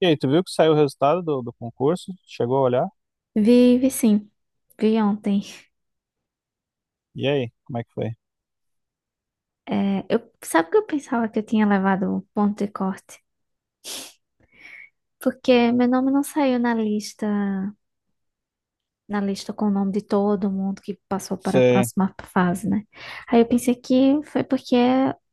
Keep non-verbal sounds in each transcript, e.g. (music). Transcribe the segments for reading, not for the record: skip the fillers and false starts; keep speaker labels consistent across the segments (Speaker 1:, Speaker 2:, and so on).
Speaker 1: E aí, tu viu que saiu o resultado do concurso? Chegou a olhar?
Speaker 2: Vi, vi sim. Vi ontem.
Speaker 1: E aí, como é que foi?
Speaker 2: Sabe que eu pensava que eu tinha levado ponto de corte? Porque meu nome não saiu na lista com o nome de todo mundo que passou para a
Speaker 1: Você...
Speaker 2: próxima fase, né? Aí eu pensei que foi porque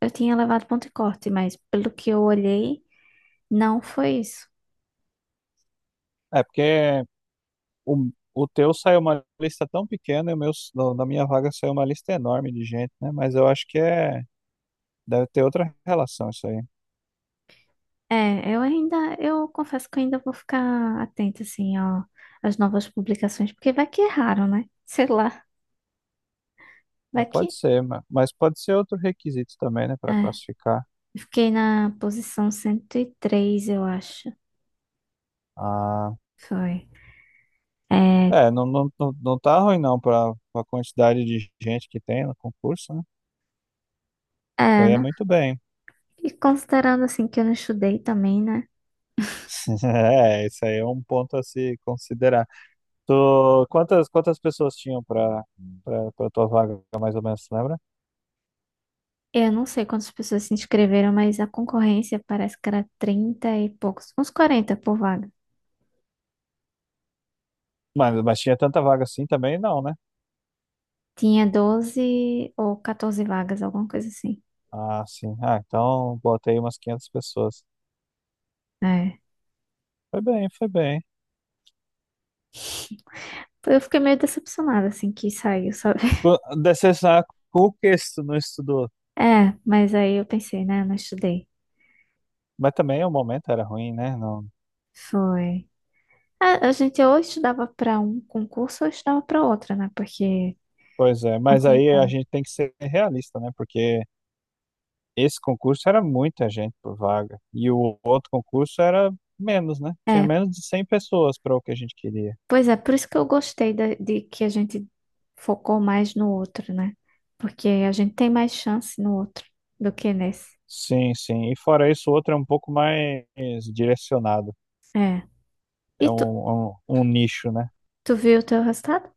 Speaker 2: eu tinha levado ponto de corte, mas pelo que eu olhei, não foi isso.
Speaker 1: É porque o, o teu saiu uma lista tão pequena e o meu, na minha vaga saiu uma lista enorme de gente, né? Mas eu acho que é... deve ter outra relação isso aí.
Speaker 2: Eu confesso que eu ainda vou ficar atenta, assim, ó, às novas publicações, porque vai que erraram, né? Sei lá,
Speaker 1: É,
Speaker 2: vai
Speaker 1: pode
Speaker 2: que.
Speaker 1: ser, mas pode ser outro requisito também, né, para
Speaker 2: É.
Speaker 1: classificar.
Speaker 2: Eu fiquei na posição 103, eu acho.
Speaker 1: Ah,
Speaker 2: Foi. É,
Speaker 1: é, não tá ruim não para a quantidade de gente que tem no concurso, né? Foi é
Speaker 2: não,
Speaker 1: muito bem.
Speaker 2: e considerando assim que eu não estudei também, né?
Speaker 1: (laughs) É, isso aí é um ponto a se considerar. Tu, quantas pessoas tinham pra tua vaga, mais ou menos, tu lembra?
Speaker 2: Eu não sei quantas pessoas se inscreveram, mas a concorrência parece que era 30 e poucos, uns 40 por vaga.
Speaker 1: Mas tinha tanta vaga assim também? Não, né?
Speaker 2: Tinha doze ou 14 vagas, alguma coisa assim.
Speaker 1: Ah, sim. Ah, então botei umas 500 pessoas.
Speaker 2: É.
Speaker 1: Foi bem.
Speaker 2: Eu fiquei meio decepcionada assim que saiu, sabe? (laughs)
Speaker 1: Desse saco, o que tu não estudou?
Speaker 2: É, mas aí eu pensei, né? Eu não estudei.
Speaker 1: Mas também o momento era ruim, né? Não.
Speaker 2: Foi. A gente ou estudava para um concurso ou estudava para outro, né? Porque
Speaker 1: Pois é,
Speaker 2: não
Speaker 1: mas
Speaker 2: tinha
Speaker 1: aí a
Speaker 2: como.
Speaker 1: gente tem que ser realista, né? Porque esse concurso era muita gente por vaga. E o outro concurso era menos, né? Tinha
Speaker 2: É,
Speaker 1: menos de 100 pessoas para o que a gente queria.
Speaker 2: pois é, por isso que eu gostei que a gente focou mais no outro, né? Porque a gente tem mais chance no outro do que nesse.
Speaker 1: Sim, sim. E fora isso, o outro é um pouco mais direcionado.
Speaker 2: É. E
Speaker 1: É
Speaker 2: tu,
Speaker 1: um, é um, um nicho, né?
Speaker 2: tu viu o teu resultado?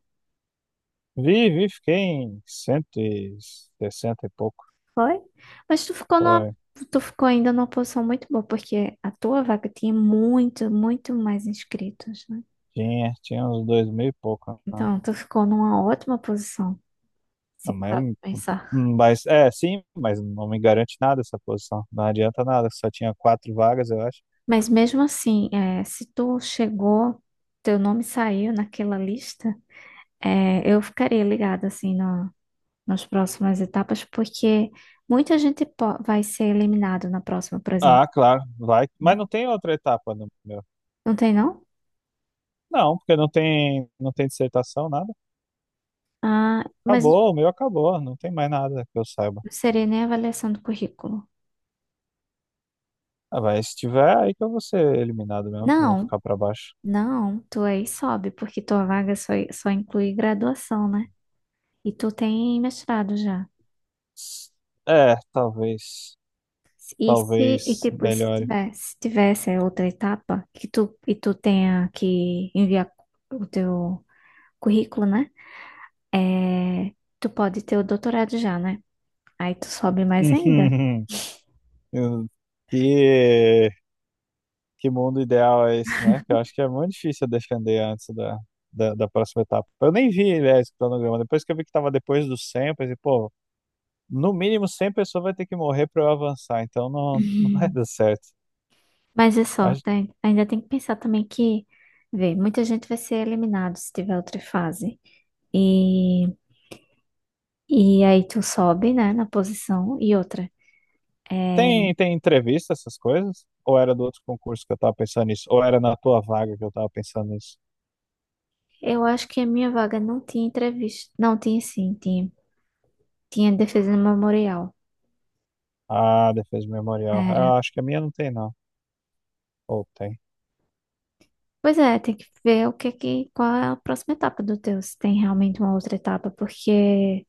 Speaker 1: Vi, vi, fiquei em cento e sessenta e pouco.
Speaker 2: Foi? Mas tu ficou numa,
Speaker 1: Foi.
Speaker 2: tu ficou ainda numa posição muito boa, porque a tua vaga tinha muito, muito mais inscritos, né?
Speaker 1: Tinha, tinha uns dois mil e pouco. Né?
Speaker 2: Então, tu ficou numa ótima posição, se
Speaker 1: Não, mas,
Speaker 2: parar pra pensar.
Speaker 1: mas, é, sim, mas não me garante nada essa posição. Não adianta nada, só tinha quatro vagas, eu acho.
Speaker 2: Mas mesmo assim, é, se tu chegou, teu nome saiu naquela lista. É, eu ficarei ligada assim nas próximas etapas, porque muita gente vai ser eliminado na próxima, por exemplo,
Speaker 1: Ah, claro, vai. Mas
Speaker 2: né?
Speaker 1: não tem outra etapa no meu.
Speaker 2: Não tem, não?
Speaker 1: Não, porque não tem dissertação, nada.
Speaker 2: Ah, mas
Speaker 1: Acabou, o meu acabou, não tem mais nada que eu saiba.
Speaker 2: não seria nem avaliação do currículo.
Speaker 1: Ah, vai, se tiver, aí que eu vou ser eliminado mesmo. Eu vou
Speaker 2: Não,
Speaker 1: ficar pra baixo.
Speaker 2: não, tu aí sobe, porque tua vaga só inclui graduação, né? E tu tem mestrado já.
Speaker 1: S- É, talvez.
Speaker 2: E se, e
Speaker 1: Talvez
Speaker 2: depois se
Speaker 1: melhore.
Speaker 2: tiver, se tivesse a outra etapa, que tu, e tu tenha que enviar o teu currículo, né? É, tu pode ter o doutorado já, né? Aí tu sobe mais ainda.
Speaker 1: (laughs) Eu- Que, que mundo ideal é esse, né? Que eu acho que é muito difícil defender antes da próxima etapa. Eu nem vi, aliás, o cronograma. Depois que eu vi que tava depois dos 100, eu pensei, pô, no mínimo 100 pessoas vai ter que morrer pra eu avançar. Então não, (laughs) não vai
Speaker 2: Uhum.
Speaker 1: dar certo.
Speaker 2: Mas é só,
Speaker 1: Acho.
Speaker 2: tá? Ainda tem que pensar também que, vê, muita gente vai ser eliminado se tiver outra fase. E, e aí tu sobe, né, na posição e outra. É,
Speaker 1: Tem, tem entrevista, essas coisas? Ou era do outro concurso que eu tava pensando nisso? Ou era na tua vaga que eu tava pensando nisso?
Speaker 2: eu acho que a minha vaga não tinha entrevista. Não, tinha sim, tinha. Tinha defesa memorial.
Speaker 1: Ah, defesa memorial.
Speaker 2: Era.
Speaker 1: Ah, acho que a minha não tem, não. Ou tem.
Speaker 2: Pois é, tem que ver qual é a próxima etapa do teu, se tem realmente uma outra etapa, porque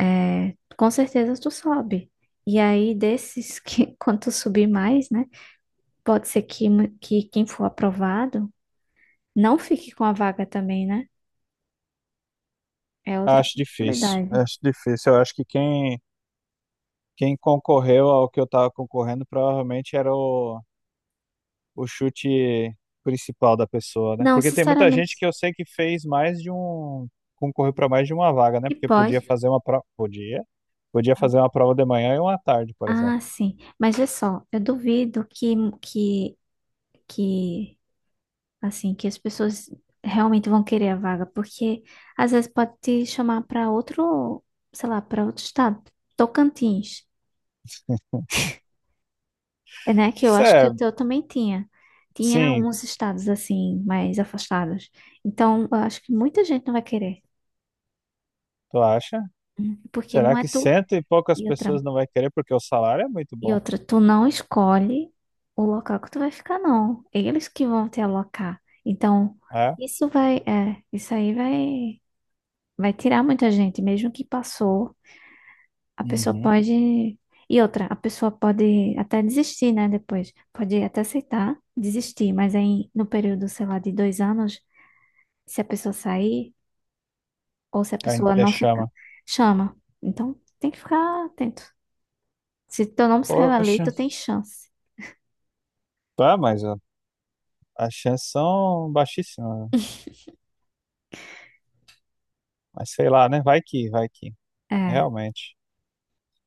Speaker 2: é, com certeza tu sobe. E aí, desses que, (laughs) quando tu subir mais, né? Pode ser que quem for aprovado não fique com a vaga também, né? É outra
Speaker 1: Acho difícil.
Speaker 2: possibilidade.
Speaker 1: Acho difícil. Eu acho que quem concorreu ao que eu tava concorrendo provavelmente era o chute principal da pessoa, né?
Speaker 2: Não,
Speaker 1: Porque tem muita gente
Speaker 2: sinceramente.
Speaker 1: que eu sei que fez mais de um. Concorreu para mais de uma vaga, né?
Speaker 2: E
Speaker 1: Porque podia
Speaker 2: pode.
Speaker 1: fazer uma prova. Podia. Podia fazer uma prova de manhã e uma à tarde, por exemplo.
Speaker 2: Ah, sim. Mas vê só, eu duvido que, que, assim, que as pessoas realmente vão querer a vaga, porque às vezes pode te chamar para outro, sei lá, para outro estado. Tocantins. É, né? Que eu
Speaker 1: Isso
Speaker 2: acho que o
Speaker 1: é,
Speaker 2: teu também tinha. Tinha
Speaker 1: sim.
Speaker 2: uns estados assim, mais afastados. Então, eu acho que muita gente não vai querer.
Speaker 1: Tu acha?
Speaker 2: Hum. Porque não
Speaker 1: Será
Speaker 2: é
Speaker 1: que
Speaker 2: tu.
Speaker 1: cento e poucas
Speaker 2: E outra,
Speaker 1: pessoas não vai querer porque o salário é muito
Speaker 2: e
Speaker 1: bom?
Speaker 2: outra, tu não escolhe o local que tu vai ficar, não. Eles que vão te alocar. Então,
Speaker 1: É?
Speaker 2: isso aí vai tirar muita gente. Mesmo que passou, a pessoa
Speaker 1: Uhum.
Speaker 2: pode. E outra, a pessoa pode até desistir, né? Depois. Pode até aceitar, desistir, mas aí no período, sei lá, de 2 anos. Se a pessoa sair ou se a pessoa
Speaker 1: Ainda
Speaker 2: não ficar,
Speaker 1: chama.
Speaker 2: chama. Então, tem que ficar atento. Se teu nome saiu ali,
Speaker 1: Poxa.
Speaker 2: tu tem chance.
Speaker 1: Tá, mas ó, as chances são baixíssimas. Né? Mas sei lá, né? Vai que, vai que.
Speaker 2: É.
Speaker 1: Realmente.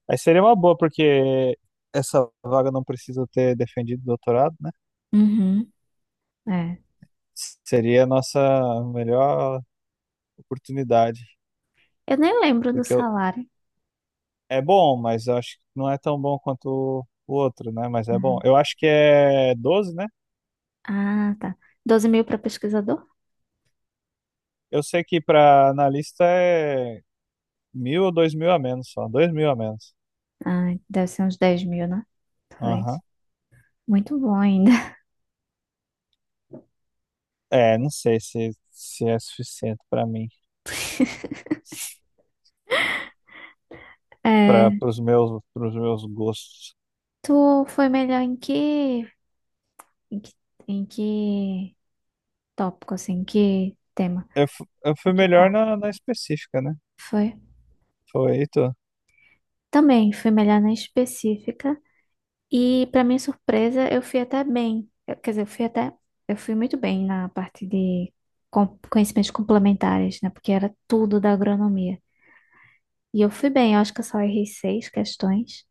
Speaker 1: Aí seria uma boa, porque essa vaga não precisa ter defendido doutorado, né?
Speaker 2: Uhum. É.
Speaker 1: Seria a nossa melhor oportunidade.
Speaker 2: Eu nem lembro do
Speaker 1: Porque eu-
Speaker 2: salário.
Speaker 1: É bom, mas eu acho que não é tão bom quanto o outro, né? Mas é bom.
Speaker 2: Uhum.
Speaker 1: Eu acho que é 12, né?
Speaker 2: Ah, tá. 12 mil para pesquisador?
Speaker 1: Eu sei que para analista é mil ou dois mil a menos só, dois mil a menos.
Speaker 2: Ah, deve ser uns 10 mil, né?
Speaker 1: Aham.
Speaker 2: Talvez. Muito bom ainda. (laughs)
Speaker 1: É, não sei se, se é suficiente para mim, para
Speaker 2: É.
Speaker 1: os meus, pros meus gostos.
Speaker 2: Tu foi melhor em que, em que tópico, assim, em que tema?
Speaker 1: Eu
Speaker 2: Em
Speaker 1: fui
Speaker 2: que
Speaker 1: melhor
Speaker 2: parte?
Speaker 1: na específica, né?
Speaker 2: Foi?
Speaker 1: Foi tu?
Speaker 2: Também, fui melhor na específica. E, para minha surpresa, eu fui até bem. Quer dizer, eu fui até. Eu fui muito bem na parte de conhecimentos complementares, né? Porque era tudo da agronomia. E eu fui bem, eu acho que eu só errei 6 questões.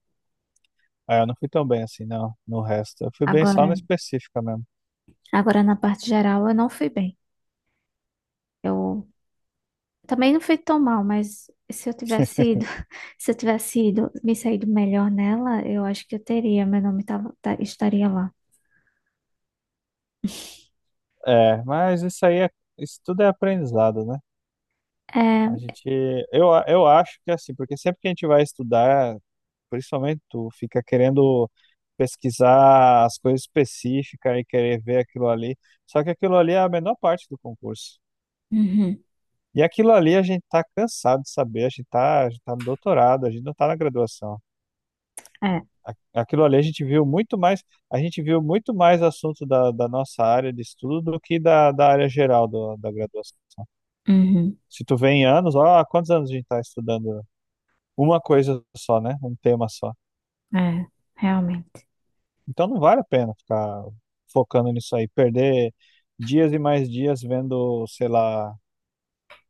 Speaker 1: Ah, eu não fui tão bem assim, não, no resto. Eu fui bem só
Speaker 2: Agora,
Speaker 1: na específica mesmo.
Speaker 2: agora na parte geral, eu não fui bem. Eu também não fui tão mal, mas se eu tivesse ido, (laughs) se eu tivesse ido, me saído melhor nela, eu acho que eu teria. Meu nome tava, tá- estaria lá.
Speaker 1: É, mas isso aí é, isso tudo é aprendizado, né? A
Speaker 2: É.
Speaker 1: gente, eu, a- Eu acho que é assim, porque sempre que a gente vai estudar. Principalmente tu fica querendo pesquisar as coisas específicas e querer ver aquilo ali. Só que aquilo ali é a menor parte do concurso.
Speaker 2: Uhum.
Speaker 1: E aquilo ali a gente tá cansado de saber, a gente tá no doutorado, a gente não tá na graduação.
Speaker 2: É.
Speaker 1: A- Aquilo ali a gente viu muito mais, a gente viu muito mais assunto da nossa área de estudo do que da área geral da graduação.
Speaker 2: Uhum.
Speaker 1: Se tu vê em anos, ó, há quantos anos a gente tá estudando uma coisa só, né? Um tema só.
Speaker 2: É. Realmente.
Speaker 1: Então não vale a pena ficar focando nisso aí, perder dias e mais dias vendo, sei lá,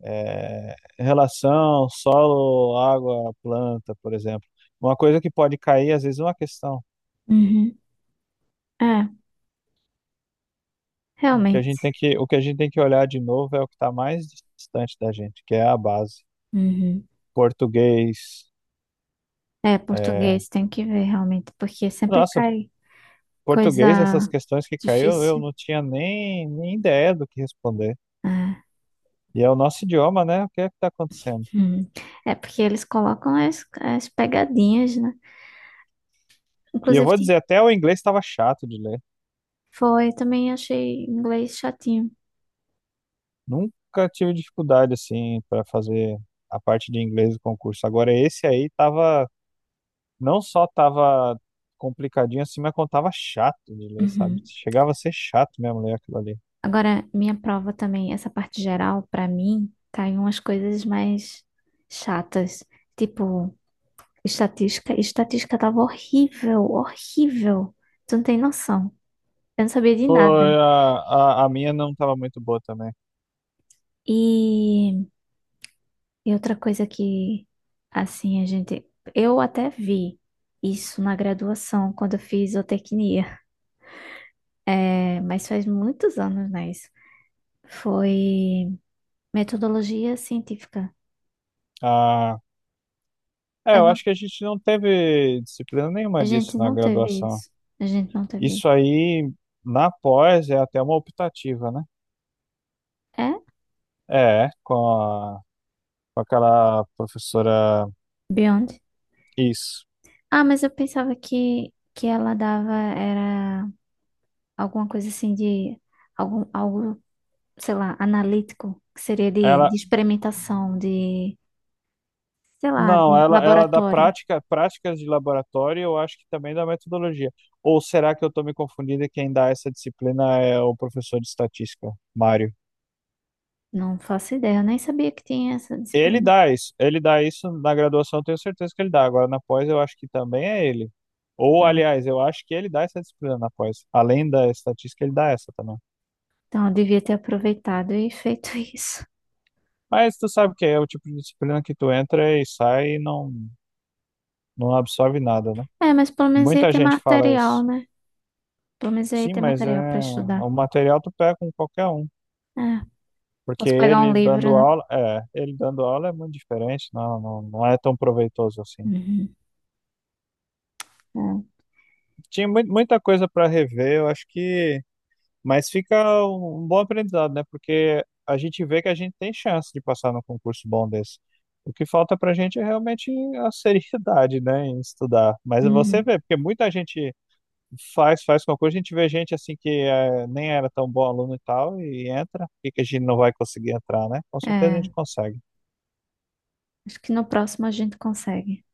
Speaker 1: é, relação, solo, água, planta, por exemplo. Uma coisa que pode cair, às vezes, é uma questão.
Speaker 2: Uhum. É.
Speaker 1: O que a
Speaker 2: Realmente.
Speaker 1: gente tem que, o que a gente tem que olhar de novo é o que está mais distante da gente, que é a base.
Speaker 2: Uhum.
Speaker 1: Português.
Speaker 2: É,
Speaker 1: É.
Speaker 2: português, tem que ver realmente, porque sempre
Speaker 1: Nossa,
Speaker 2: cai
Speaker 1: português, essas
Speaker 2: coisa
Speaker 1: questões que caiu, eu
Speaker 2: difícil.
Speaker 1: não tinha nem ideia do que responder.
Speaker 2: É,
Speaker 1: E é o nosso idioma, né? O que é que está acontecendo?
Speaker 2: hum. É, porque eles colocam as pegadinhas, né?
Speaker 1: E eu
Speaker 2: Inclusive,
Speaker 1: vou dizer, até o inglês estava chato de ler.
Speaker 2: foi, também achei inglês chatinho.
Speaker 1: Nunca tive dificuldade assim para fazer a parte de inglês do concurso. Agora esse aí tava, não só tava complicadinho assim, mas como tava chato de ler, sabe?
Speaker 2: Uhum.
Speaker 1: Chegava a ser chato mesmo ler aquilo ali.
Speaker 2: Agora, minha prova também, essa parte geral, pra mim, cai umas coisas mais chatas, tipo estatística. Estatística tava horrível, horrível. Tu não tem noção. Eu não sabia de nada.
Speaker 1: Foi a minha não estava muito boa também.
Speaker 2: E e outra coisa que, assim, a gente. Eu até vi isso na graduação, quando eu fiz zootecnia, é, mas faz muitos anos, né? Isso. Foi metodologia científica.
Speaker 1: Ah, é,
Speaker 2: Eu
Speaker 1: eu
Speaker 2: não-
Speaker 1: acho que a gente não teve disciplina
Speaker 2: a
Speaker 1: nenhuma disso
Speaker 2: gente
Speaker 1: na
Speaker 2: não teve
Speaker 1: graduação.
Speaker 2: isso. A gente não teve.
Speaker 1: Isso aí na pós é até uma optativa, né?
Speaker 2: É?
Speaker 1: É, com aquela professora.
Speaker 2: Beyond?
Speaker 1: Isso.
Speaker 2: Ah, mas eu pensava que ela dava, era alguma coisa assim de. Algo, sei lá, analítico, que seria
Speaker 1: Ela,
Speaker 2: de experimentação, de, sei lá,
Speaker 1: não,
Speaker 2: de
Speaker 1: ela dá
Speaker 2: laboratório.
Speaker 1: prática, práticas de laboratório e eu acho que também dá metodologia. Ou será que eu estou me confundindo e quem dá essa disciplina é o professor de estatística, Mário?
Speaker 2: Não faço ideia, eu nem sabia que tinha essa disciplina.
Speaker 1: Ele dá isso na graduação, eu tenho certeza que ele dá. Agora na pós eu acho que também é ele. Ou,
Speaker 2: Ah,
Speaker 1: aliás, eu acho que ele dá essa disciplina na pós. Além da estatística, ele dá essa também.
Speaker 2: então eu devia ter aproveitado e feito (laughs) isso.
Speaker 1: Mas tu sabe que é o tipo de disciplina que tu entra e sai e não absorve nada, né?
Speaker 2: É, mas pelo menos ia
Speaker 1: Muita
Speaker 2: ter
Speaker 1: gente fala
Speaker 2: material,
Speaker 1: isso.
Speaker 2: né? Pelo menos ia
Speaker 1: Sim,
Speaker 2: ter
Speaker 1: mas
Speaker 2: material para
Speaker 1: é,
Speaker 2: estudar.
Speaker 1: o material tu pega com qualquer um,
Speaker 2: É,
Speaker 1: porque
Speaker 2: posso pegar um
Speaker 1: ele
Speaker 2: livro,
Speaker 1: dando
Speaker 2: né?
Speaker 1: aula, é, ele dando aula é muito diferente, não é tão proveitoso assim.
Speaker 2: Uhum, é,
Speaker 1: Tinha muita coisa para rever, eu acho que, mas fica um bom aprendizado, né? Porque a gente vê que a gente tem chance de passar num concurso bom desse. O que falta pra gente é realmente a seriedade, né, em estudar. Mas você
Speaker 2: uhum,
Speaker 1: vê, porque muita gente faz com a. A gente vê gente assim que eh, nem era tão bom aluno e tal, e entra. Por que que a gente não vai conseguir entrar, né? Com certeza a gente
Speaker 2: é.
Speaker 1: consegue.
Speaker 2: Acho que no próximo a gente consegue.